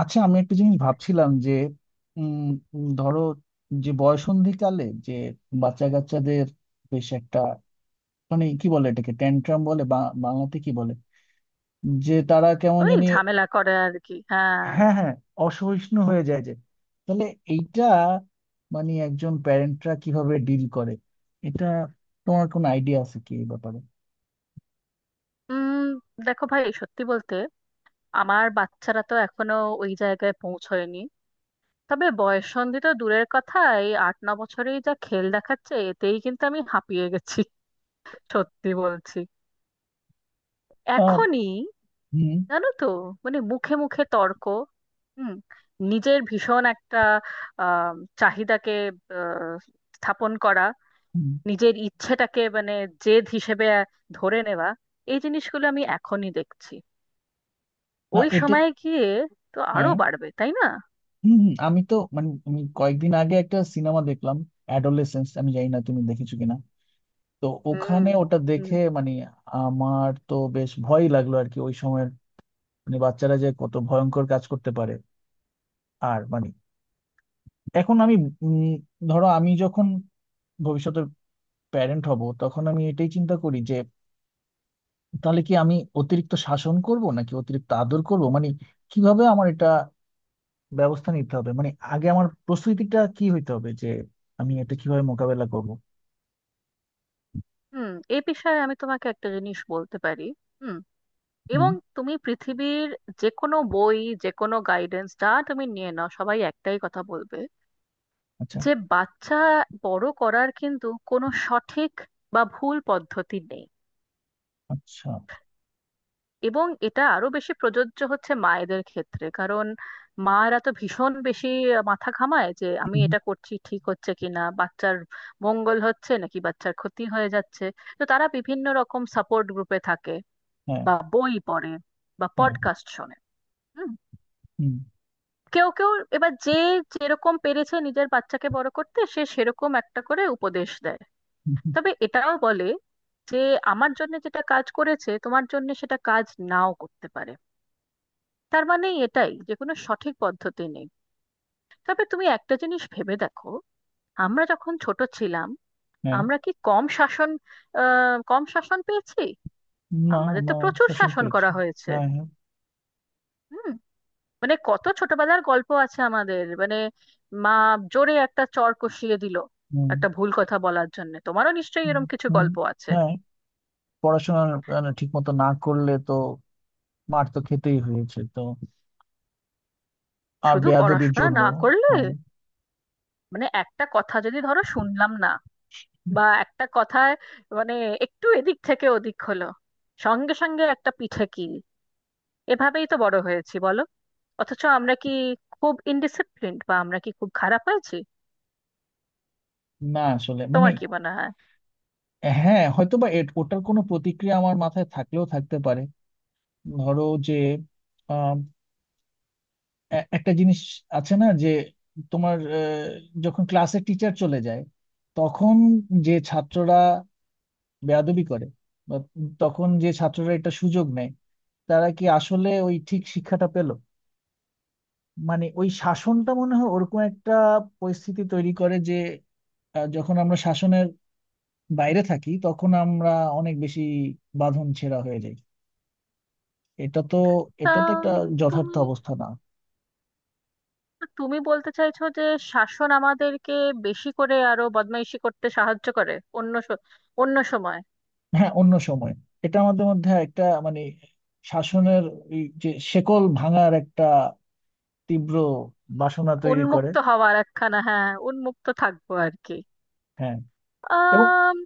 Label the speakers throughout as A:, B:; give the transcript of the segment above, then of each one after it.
A: আচ্ছা, আমি একটা জিনিস ভাবছিলাম যে উম উম, ধরো, যে বয়সন্ধিকালে যে বাচ্চা কাচ্চাদের বেশ একটা, মানে কি বলে, এটাকে ট্যান্ট্রাম বলে বা বাংলাতে কি বলে, যে তারা কেমন
B: ওই
A: জানি,
B: ঝামেলা করে আর কি, হ্যাঁ।
A: হ্যাঁ হ্যাঁ, অসহিষ্ণু হয়ে যায়, যে তাহলে এইটা মানে একজন প্যারেন্টরা কিভাবে ডিল করে এটা? তোমার কোনো আইডিয়া আছে কি এই ব্যাপারে?
B: উম দেখো ভাই, সত্যি বলতে আমার বাচ্চারা তো এখনো ওই জায়গায় পৌঁছয়নি। তবে বয়ঃসন্ধি তো দূরের কথা, এই 8-9 বছরেই যা খেল দেখাচ্ছে, এতেই কিন্তু আমি হাঁপিয়ে গেছি, সত্যি বলছি,
A: আহ,
B: এখনই।
A: হুম,
B: জানো তো, মানে মুখে মুখে তর্ক, হুম নিজের ভীষণ একটা আহ চাহিদাকে আহ, স্থাপন করা,
A: হুম,
B: নিজের ইচ্ছেটাকে মানে জেদ হিসেবে ধরে নেওয়া, এই জিনিসগুলো আমি এখনই দেখছি।
A: না
B: ওই
A: এটা,
B: সময়ে গিয়ে তো আরো
A: হ্যাঁ,
B: বাড়বে, তাই না?
A: হম হম, আমি তো মানে আমি কয়েকদিন আগে একটা সিনেমা দেখলাম, অ্যাডোলেসেন্স, আমি জানি না তুমি দেখেছো কিনা। তো
B: হুম
A: ওখানে ওটা
B: হুম
A: দেখে মানে আমার তো বেশ ভয় লাগলো আর কি ওই সময়ের, মানে বাচ্চারা যে কত ভয়ঙ্কর কাজ করতে পারে। আর মানে এখন আমি উম, ধরো, আমি যখন ভবিষ্যতে প্যারেন্ট হব তখন আমি এটাই চিন্তা করি যে তাহলে কি আমি অতিরিক্ত শাসন করব নাকি অতিরিক্ত আদর করব, মানে কিভাবে আমার এটা ব্যবস্থা নিতে হবে, মানে আগে আমার প্রস্তুতিটা কি হইতে হবে যে আমি এটা কিভাবে মোকাবেলা করব।
B: হুম এ বিষয়ে আমি তোমাকে একটা জিনিস বলতে পারি। হুম।
A: হুম,
B: এবং তুমি পৃথিবীর যে কোনো বই, যে কোনো গাইডেন্স যা তুমি নিয়ে নাও, সবাই একটাই কথা বলবে,
A: আচ্ছা,
B: যে বাচ্চা বড় করার কিন্তু কোনো সঠিক বা ভুল পদ্ধতি নেই।
A: আচ্ছা,
B: এবং এটা আরো বেশি প্রযোজ্য হচ্ছে মায়েদের ক্ষেত্রে, কারণ মারা তো ভীষণ বেশি মাথা ঘামায় যে আমি
A: হুম,
B: এটা করছি ঠিক হচ্ছে কিনা, বাচ্চার মঙ্গল হচ্ছে নাকি বাচ্চার ক্ষতি হয়ে যাচ্ছে। তো তারা বিভিন্ন রকম সাপোর্ট গ্রুপে থাকে,
A: হ্যাঁ
B: বা বই পড়ে, বা
A: হ্যাঁ,
B: পডকাস্ট শোনে। হুম।
A: হুম
B: কেউ কেউ, এবার যে যেরকম পেরেছে নিজের বাচ্চাকে বড় করতে, সে সেরকম একটা করে উপদেশ দেয়।
A: হুম, হুম,
B: তবে এটাও বলে যে আমার জন্য যেটা কাজ করেছে তোমার জন্য সেটা কাজ নাও করতে পারে। তার মানে এটাই, যে কোনো সঠিক পদ্ধতি নেই। তবে তুমি একটা জিনিস ভেবে দেখো, আমরা যখন ছোট ছিলাম,
A: হ্যাঁ,
B: আমরা কি কম শাসন পেয়েছি?
A: না
B: আমাদের তো
A: আমরা
B: প্রচুর
A: শাসন
B: শাসন
A: পেয়েছি।
B: করা হয়েছে।
A: হ্যাঁ হ্যাঁ,
B: হুম। মানে কত ছোটবেলার গল্প আছে আমাদের, মানে মা জোরে একটা চড় কষিয়ে দিল
A: হুম,
B: একটা ভুল কথা বলার জন্য। তোমারও নিশ্চয়ই
A: হুম,
B: এরকম কিছু
A: হুম,
B: গল্প আছে।
A: হ্যাঁ, পড়াশোনা ঠিক মতো না করলে তো মার তো খেতেই হয়েছে তো। আর
B: শুধু
A: বেয়াদবির
B: পড়াশোনা
A: জন্য,
B: না করলে,
A: হ্যাঁ,
B: মানে একটা কথা যদি ধরো শুনলাম না, বা একটা কথায় মানে একটু এদিক থেকে ওদিক হলো, সঙ্গে সঙ্গে একটা পিঠে কিল। এভাবেই তো বড় হয়েছি, বলো? অথচ আমরা কি খুব ইনডিসিপ্লিনড, বা আমরা কি খুব খারাপ হয়েছি?
A: না আসলে মানে,
B: তোমার কি মনে হয়?
A: হ্যাঁ হয়তো বা, ওটার কোনো প্রতিক্রিয়া আমার মাথায় থাকলেও থাকতে পারে। ধরো, যে এ- একটা জিনিস আছে না, যে তোমার যখন ক্লাসে টিচার চলে যায় তখন যে ছাত্ররা বেয়াদবি করে, বা তখন যে ছাত্ররা এটা সুযোগ নেয়, তারা কি আসলে ওই ঠিক শিক্ষাটা পেল? মানে ওই শাসনটা মনে হয় ওরকম একটা পরিস্থিতি তৈরি করে যে, যখন আমরা শাসনের বাইরে থাকি তখন আমরা অনেক বেশি বাঁধন ছেঁড়া হয়ে যাই। এটা তো,
B: তা,
A: এটা তো একটা
B: উম,
A: যথার্থ
B: তুমি
A: অবস্থা না।
B: তুমি বলতে চাইছো যে শাসন আমাদেরকে বেশি করে আরো বদমাইশি করতে সাহায্য করে অন্য স- অন্য সময়?
A: হ্যাঁ অন্য সময় এটা আমাদের মধ্যে একটা মানে শাসনের, এই যে শেকল ভাঙার একটা তীব্র বাসনা তৈরি করে।
B: উন্মুক্ত হওয়ার একখানা, হ্যাঁ, উন্মুক্ত থাকবো আর কি।
A: হ্যাঁ, এবং,
B: আম,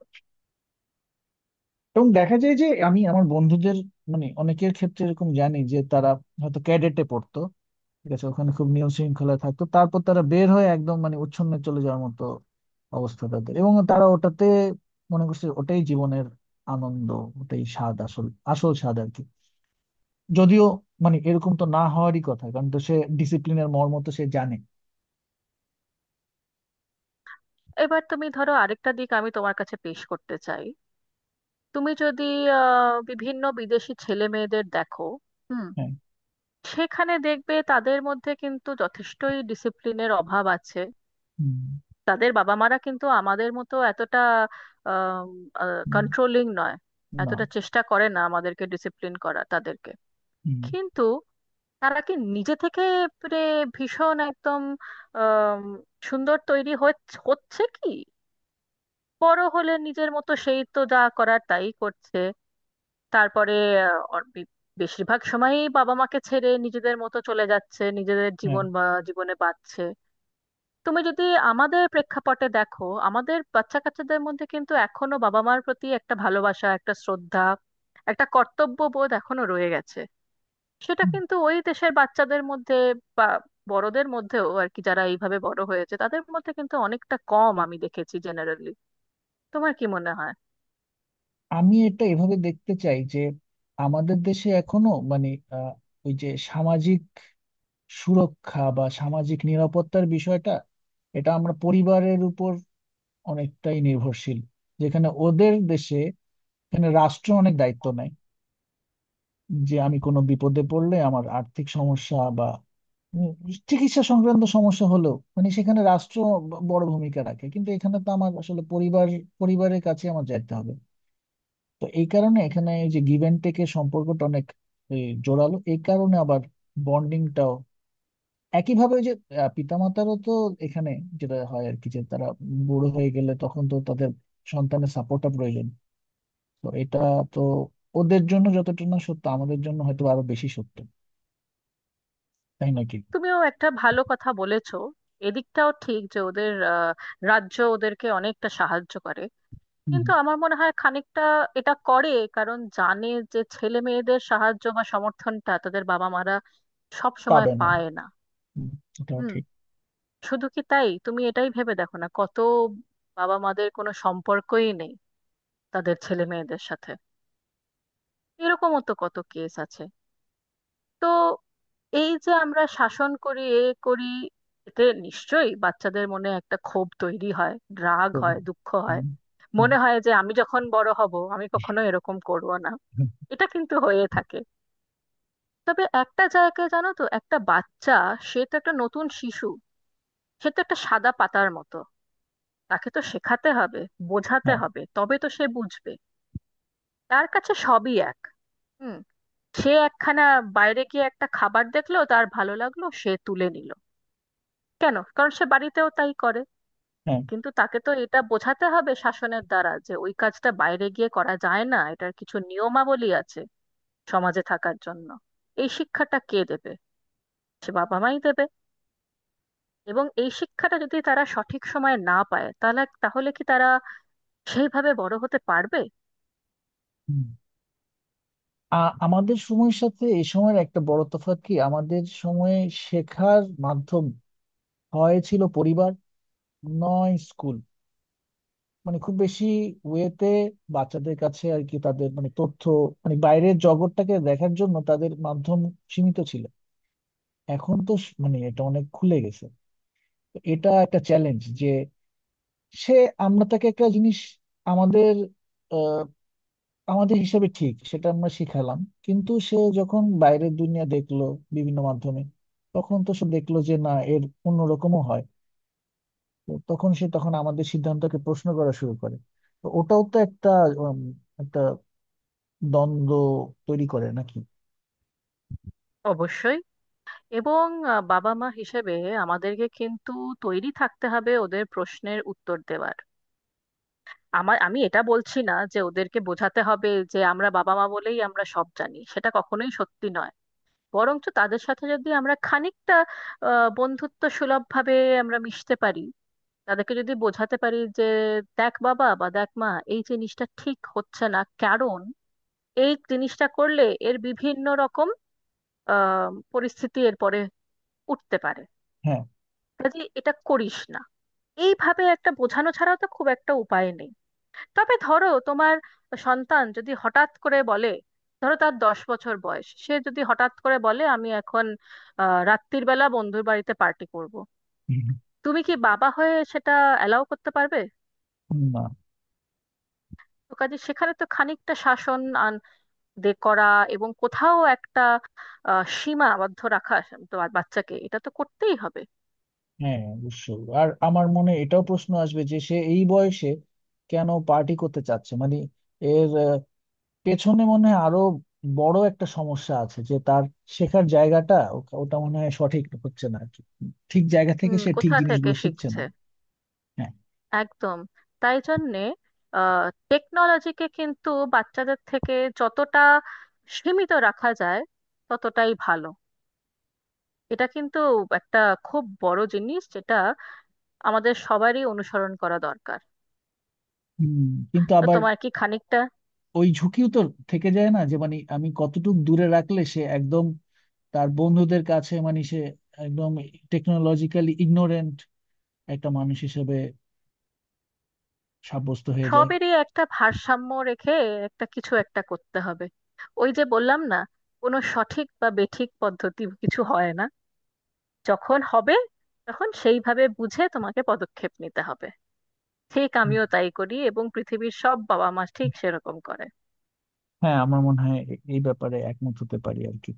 A: এবং দেখা যায় যে আমি আমার বন্ধুদের, মানে অনেকের ক্ষেত্রে এরকম জানি, যে তারা হয়তো ক্যাডেটে পড়তো, ঠিক আছে, ওখানে খুব নিয়ম শৃঙ্খলা থাকতো, তারপর তারা বের হয়ে একদম মানে উচ্ছন্নে চলে যাওয়ার মতো অবস্থা তাদের, এবং তারা ওটাতে মনে করছে ওটাই জীবনের আনন্দ, ওটাই স্বাদ আসল, আসল স্বাদ আর কি। যদিও মানে এরকম তো না হওয়ারই কথা, কারণ তো সে ডিসিপ্লিনের মর্ম তো সে জানে।
B: এবার তুমি ধরো, আরেকটা দিক আমি তোমার কাছে পেশ করতে চাই। তুমি যদি বিভিন্ন বিদেশি ছেলে মেয়েদের দেখো, হুম,
A: হ্যাঁ,
B: সেখানে দেখবে তাদের মধ্যে কিন্তু যথেষ্টই ডিসিপ্লিনের অভাব আছে।
A: হুম,
B: তাদের বাবা মারা কিন্তু আমাদের মতো এতটা
A: হুম,
B: কন্ট্রোলিং নয়,
A: না,
B: এতটা চেষ্টা করে না আমাদেরকে ডিসিপ্লিন, করা তাদেরকে।
A: হুম,
B: কিন্তু তারা কি নিজে থেকে মানে ভীষণ একদম আম, সুন্দর হচ্ছে কি? বড় হলে নিজের মতো সেই তো যা করার তাই করছে। তারপরে আহ, অর- বি- বেশিরভাগ সময়ই বাবা মাকে ছেড়ে নিজেদের মতো চলে যাচ্ছে, নিজেদের
A: হ্যাঁ,
B: জীবন বা জীবনে বাঁচছে। তুমি যদি আমাদের প্রেক্ষাপটে দেখো, আমাদের বাচ্চা কাচ্চাদের মধ্যে কিন্তু এখনো বাবা মার প্রতি একটা ভালোবাসা, একটা শ্রদ্ধা, একটা কর্তব্য বোধ এখনো রয়ে গেছে। সেটা
A: হুম।
B: কিন্তু ওই দেশের বাচ্চাদের মধ্যে বা বড়দের মধ্যেও আর কি, যারা এইভাবে বড় হয়েছে তাদের মধ্যে কিন্তু অনেকটা কম আমি দেখেছি জেনারেলি। তোমার কি মনে হয়?
A: আমি এটা এভাবে দেখতে চাই যে আমাদের দেশে এখনো মানে আহ, ওই যে সামাজিক সুরক্ষা বা সামাজিক নিরাপত্তার বিষয়টা, এটা আমরা পরিবারের উপর অনেকটাই নির্ভরশীল, যেখানে ওদের দেশে, এখানে রাষ্ট্র অনেক দায়িত্ব নেয়, যে আমি কোনো বিপদে পড়লে আমার আর্থিক সমস্যা বা, হুম, চিকিৎসা সংক্রান্ত সমস্যা হলো, মানে সেখানে রাষ্ট্র ব- বড় ভূমিকা রাখে, কিন্তু এখানে তো আমার আসলে পরিবার, পরিবারের কাছে আমার যাইতে হবে। তো এই কারণে এখানে এই যে গিভ অ্যান্ড টেকের সম্পর্কটা অনেক এ, জোরালো, এই কারণে আবার বন্ডিংটাও একইভাবে ওই যে পিতামাতারও তো এখানে যেটা হয় আর কি, যে তারা বুড়ো হয়ে গেলে তখন তো তাদের সন্তানের সাপোর্টটা প্রয়োজন। তো এটা তো ওদের জন্য যতটা না সত্য আমাদের জন্য হয়তো আরো বেশি সত্য, তাই নাকি?
B: তুমিও একটা ভালো কথা বলেছো। এদিকটাও ঠিক, যে ওদের রাজ্য ওদেরকে অনেকটা সাহায্য করে,
A: হুম,
B: কিন্তু আমার মনে হয় খানিকটা এটা করে কারণ জানে যে ছেলে মেয়েদের সাহায্য বা সমর্থনটা তাদের বাবা মারা সব সময়
A: পাবে না,
B: পায় না।
A: হুম, এটাও
B: হুম।
A: ঠিক।
B: শুধু কি তাই, তুমি এটাই ভেবে দেখো না, কত বাবা মাদের কোনো সম্পর্কই নেই তাদের ছেলে মেয়েদের সাথে, এরকমও তো কত কেস আছে। তো এই যে আমরা শাসন করি, এ করি, এতে নিশ্চয়ই বাচ্চাদের মনে একটা ক্ষোভ তৈরি হয়, রাগ
A: করি,
B: হয়, দুঃখ হয়,
A: হুম, হুম,
B: মনে হয় যে আমি যখন বড় হব আমি কখনো এরকম করব না।
A: হুম,
B: এটা কিন্তু হয়ে থাকে। তবে একটা জায়গায়, জানো তো, একটা বাচ্চা, সে তো একটা নতুন শিশু, সে তো একটা সাদা পাতার মতো, তাকে তো শেখাতে হবে, বোঝাতে
A: হ্যাঁ,
B: হবে, তবে তো সে বুঝবে। তার কাছে সবই এক। হুম। সে একখানা বাইরে গিয়ে একটা খাবার দেখলো, তার ভালো লাগলো, সে তুলে নিল। কেন? কারণ সে বাড়িতেও তাই করে।
A: হ্যাঁ,
B: কিন্তু তাকে তো এটা বোঝাতে হবে শাসনের দ্বারা যে ওই কাজটা বাইরে গিয়ে করা যায় না, এটার কিছু নিয়মাবলী আছে সমাজে থাকার জন্য। এই শিক্ষাটা কে দেবে? সে বাবা মাই দেবে। এবং এই শিক্ষাটা যদি তারা সঠিক সময়ে না পায়, তাহলে তাহলে কি তারা সেইভাবে বড় হতে পারবে?
A: হুম। আ- আমাদের সময়ের সাথে এই সময়ের একটা বড় তফাৎ কি, আমাদের সময়ে শেখার মাধ্যম হয় ছিল পরিবার নয় স্কুল, মানে খুব বেশি ওয়েতে বাচ্চাদের কাছে আর কি তাদের মানে তথ্য, মানে বাইরের জগৎটাকে দেখার জন্য তাদের মাধ্যম সীমিত ছিল। এখন তো স- মানে এটা অনেক খুলে গেছে। তো এটা একটা চ্যালেঞ্জ যে সে, আমরা তাকে একটা জিনিস আমাদের, আমাদের হিসাবে ঠিক সেটা আমরা শিখালাম, কিন্তু সে যখন বাইরের দুনিয়া দেখলো বিভিন্ন মাধ্যমে তখন তো সে দেখলো যে না এর অন্যরকমও হয়। তো তখন সে, তখন আমাদের সিদ্ধান্তকে প্রশ্ন করা শুরু করে। তো ওটাও তো একটা উম, একটা দ্বন্দ্ব তৈরি করে নাকি?
B: অবশ্যই। এবং বাবা মা হিসেবে আমাদেরকে কিন্তু তৈরি থাকতে হবে ওদের প্রশ্নের উত্তর দেওয়ার। আমি এটা বলছি না যে ওদেরকে বোঝাতে হবে যে আমরা বাবা মা বলেই আমরা সব জানি, সেটা কখনোই সত্যি নয়। বরঞ্চ তাদের সাথে যদি আমরা খানিকটা বন্ধুত্ব সুলভ ভাবে আমরা মিশতে পারি, তাদেরকে যদি বোঝাতে পারি যে দেখ বাবা, বা দেখ মা, এই জিনিসটা ঠিক হচ্ছে না, কারণ এই জিনিসটা করলে এর বিভিন্ন রকম পরিস্থিতি এরপরে উঠতে পারে,
A: হ্যাঁ,
B: কাজে এটা করিস না, এইভাবে একটা বোঝানো ছাড়াও তো খুব একটা উপায় নেই। তবে ধরো তোমার সন্তান যদি হঠাৎ করে বলে, ধরো তার 10 বছর বয়স, সে যদি হঠাৎ করে বলে আমি এখন রাত্রির বেলা বন্ধুর বাড়িতে পার্টি করব, তুমি কি বাবা হয়ে সেটা অ্যালাউ করতে পারবে?
A: না,
B: তো কাজে সেখানে তো খানিকটা শাসন আন দে করা এবং কোথাও একটা সীমাবদ্ধ রাখা, তো বাচ্চাকে এটা তো করতেই হবে।
A: হ্যাঁ অবশ্যই, আর আমার মনে এটাও প্রশ্ন আসবে যে সে এই বয়সে কেন পার্টি করতে চাচ্ছে, মানে এর পেছনে মনে হয় আরো বড় একটা সমস্যা আছে, যে তার শেখার জায়গাটা ও- ওটা মনে হয় সঠিক হচ্ছে না আর কি, ঠিক জায়গা থেকে
B: হুম,
A: সে ঠিক
B: কোথা থেকে
A: জিনিসগুলো শিখছে
B: শিখছে?
A: না। হ্যাঁ,
B: একদম। তাই জন্যে টেকনোলজিকে কিন্তু বাচ্চাদের থেকে যতটা সীমিত রাখা যায় ততটাই ভালো। এটা কিন্তু একটা খুব বড় জিনিস যেটা আমাদের সবারই অনুসরণ করা দরকার।
A: হুম, কিন্তু
B: তো
A: আবার
B: তোমার কি খানিকটা,
A: ওই ঝুঁকিও তো থেকে যায় না, যে মানে আমি কতটুকু দূরে রাখলে সে একদম তার বন্ধুদের কাছে, মানে সে একদম টেকনোলজিক্যালি ইগনোরেন্ট একটা মানুষ হিসেবে সাব্যস্ত হয়ে যায়।
B: সবেরই একটা ভারসাম্য রেখে একটা কিছু একটা করতে হবে। ওই যে বললাম না, কোনো সঠিক বা বেঠিক পদ্ধতি কিছু হয় না। যখন হবে তখন সেইভাবে বুঝে তোমাকে পদক্ষেপ নিতে হবে। ঠিক
A: হুম,
B: আমিও তাই করি, এবং পৃথিবীর সব বাবা মা ঠিক সেরকম করে।
A: হ্যাঁ আমার মনে হয় এ- এই ব্যাপারে একমত হতে পারি আর কি।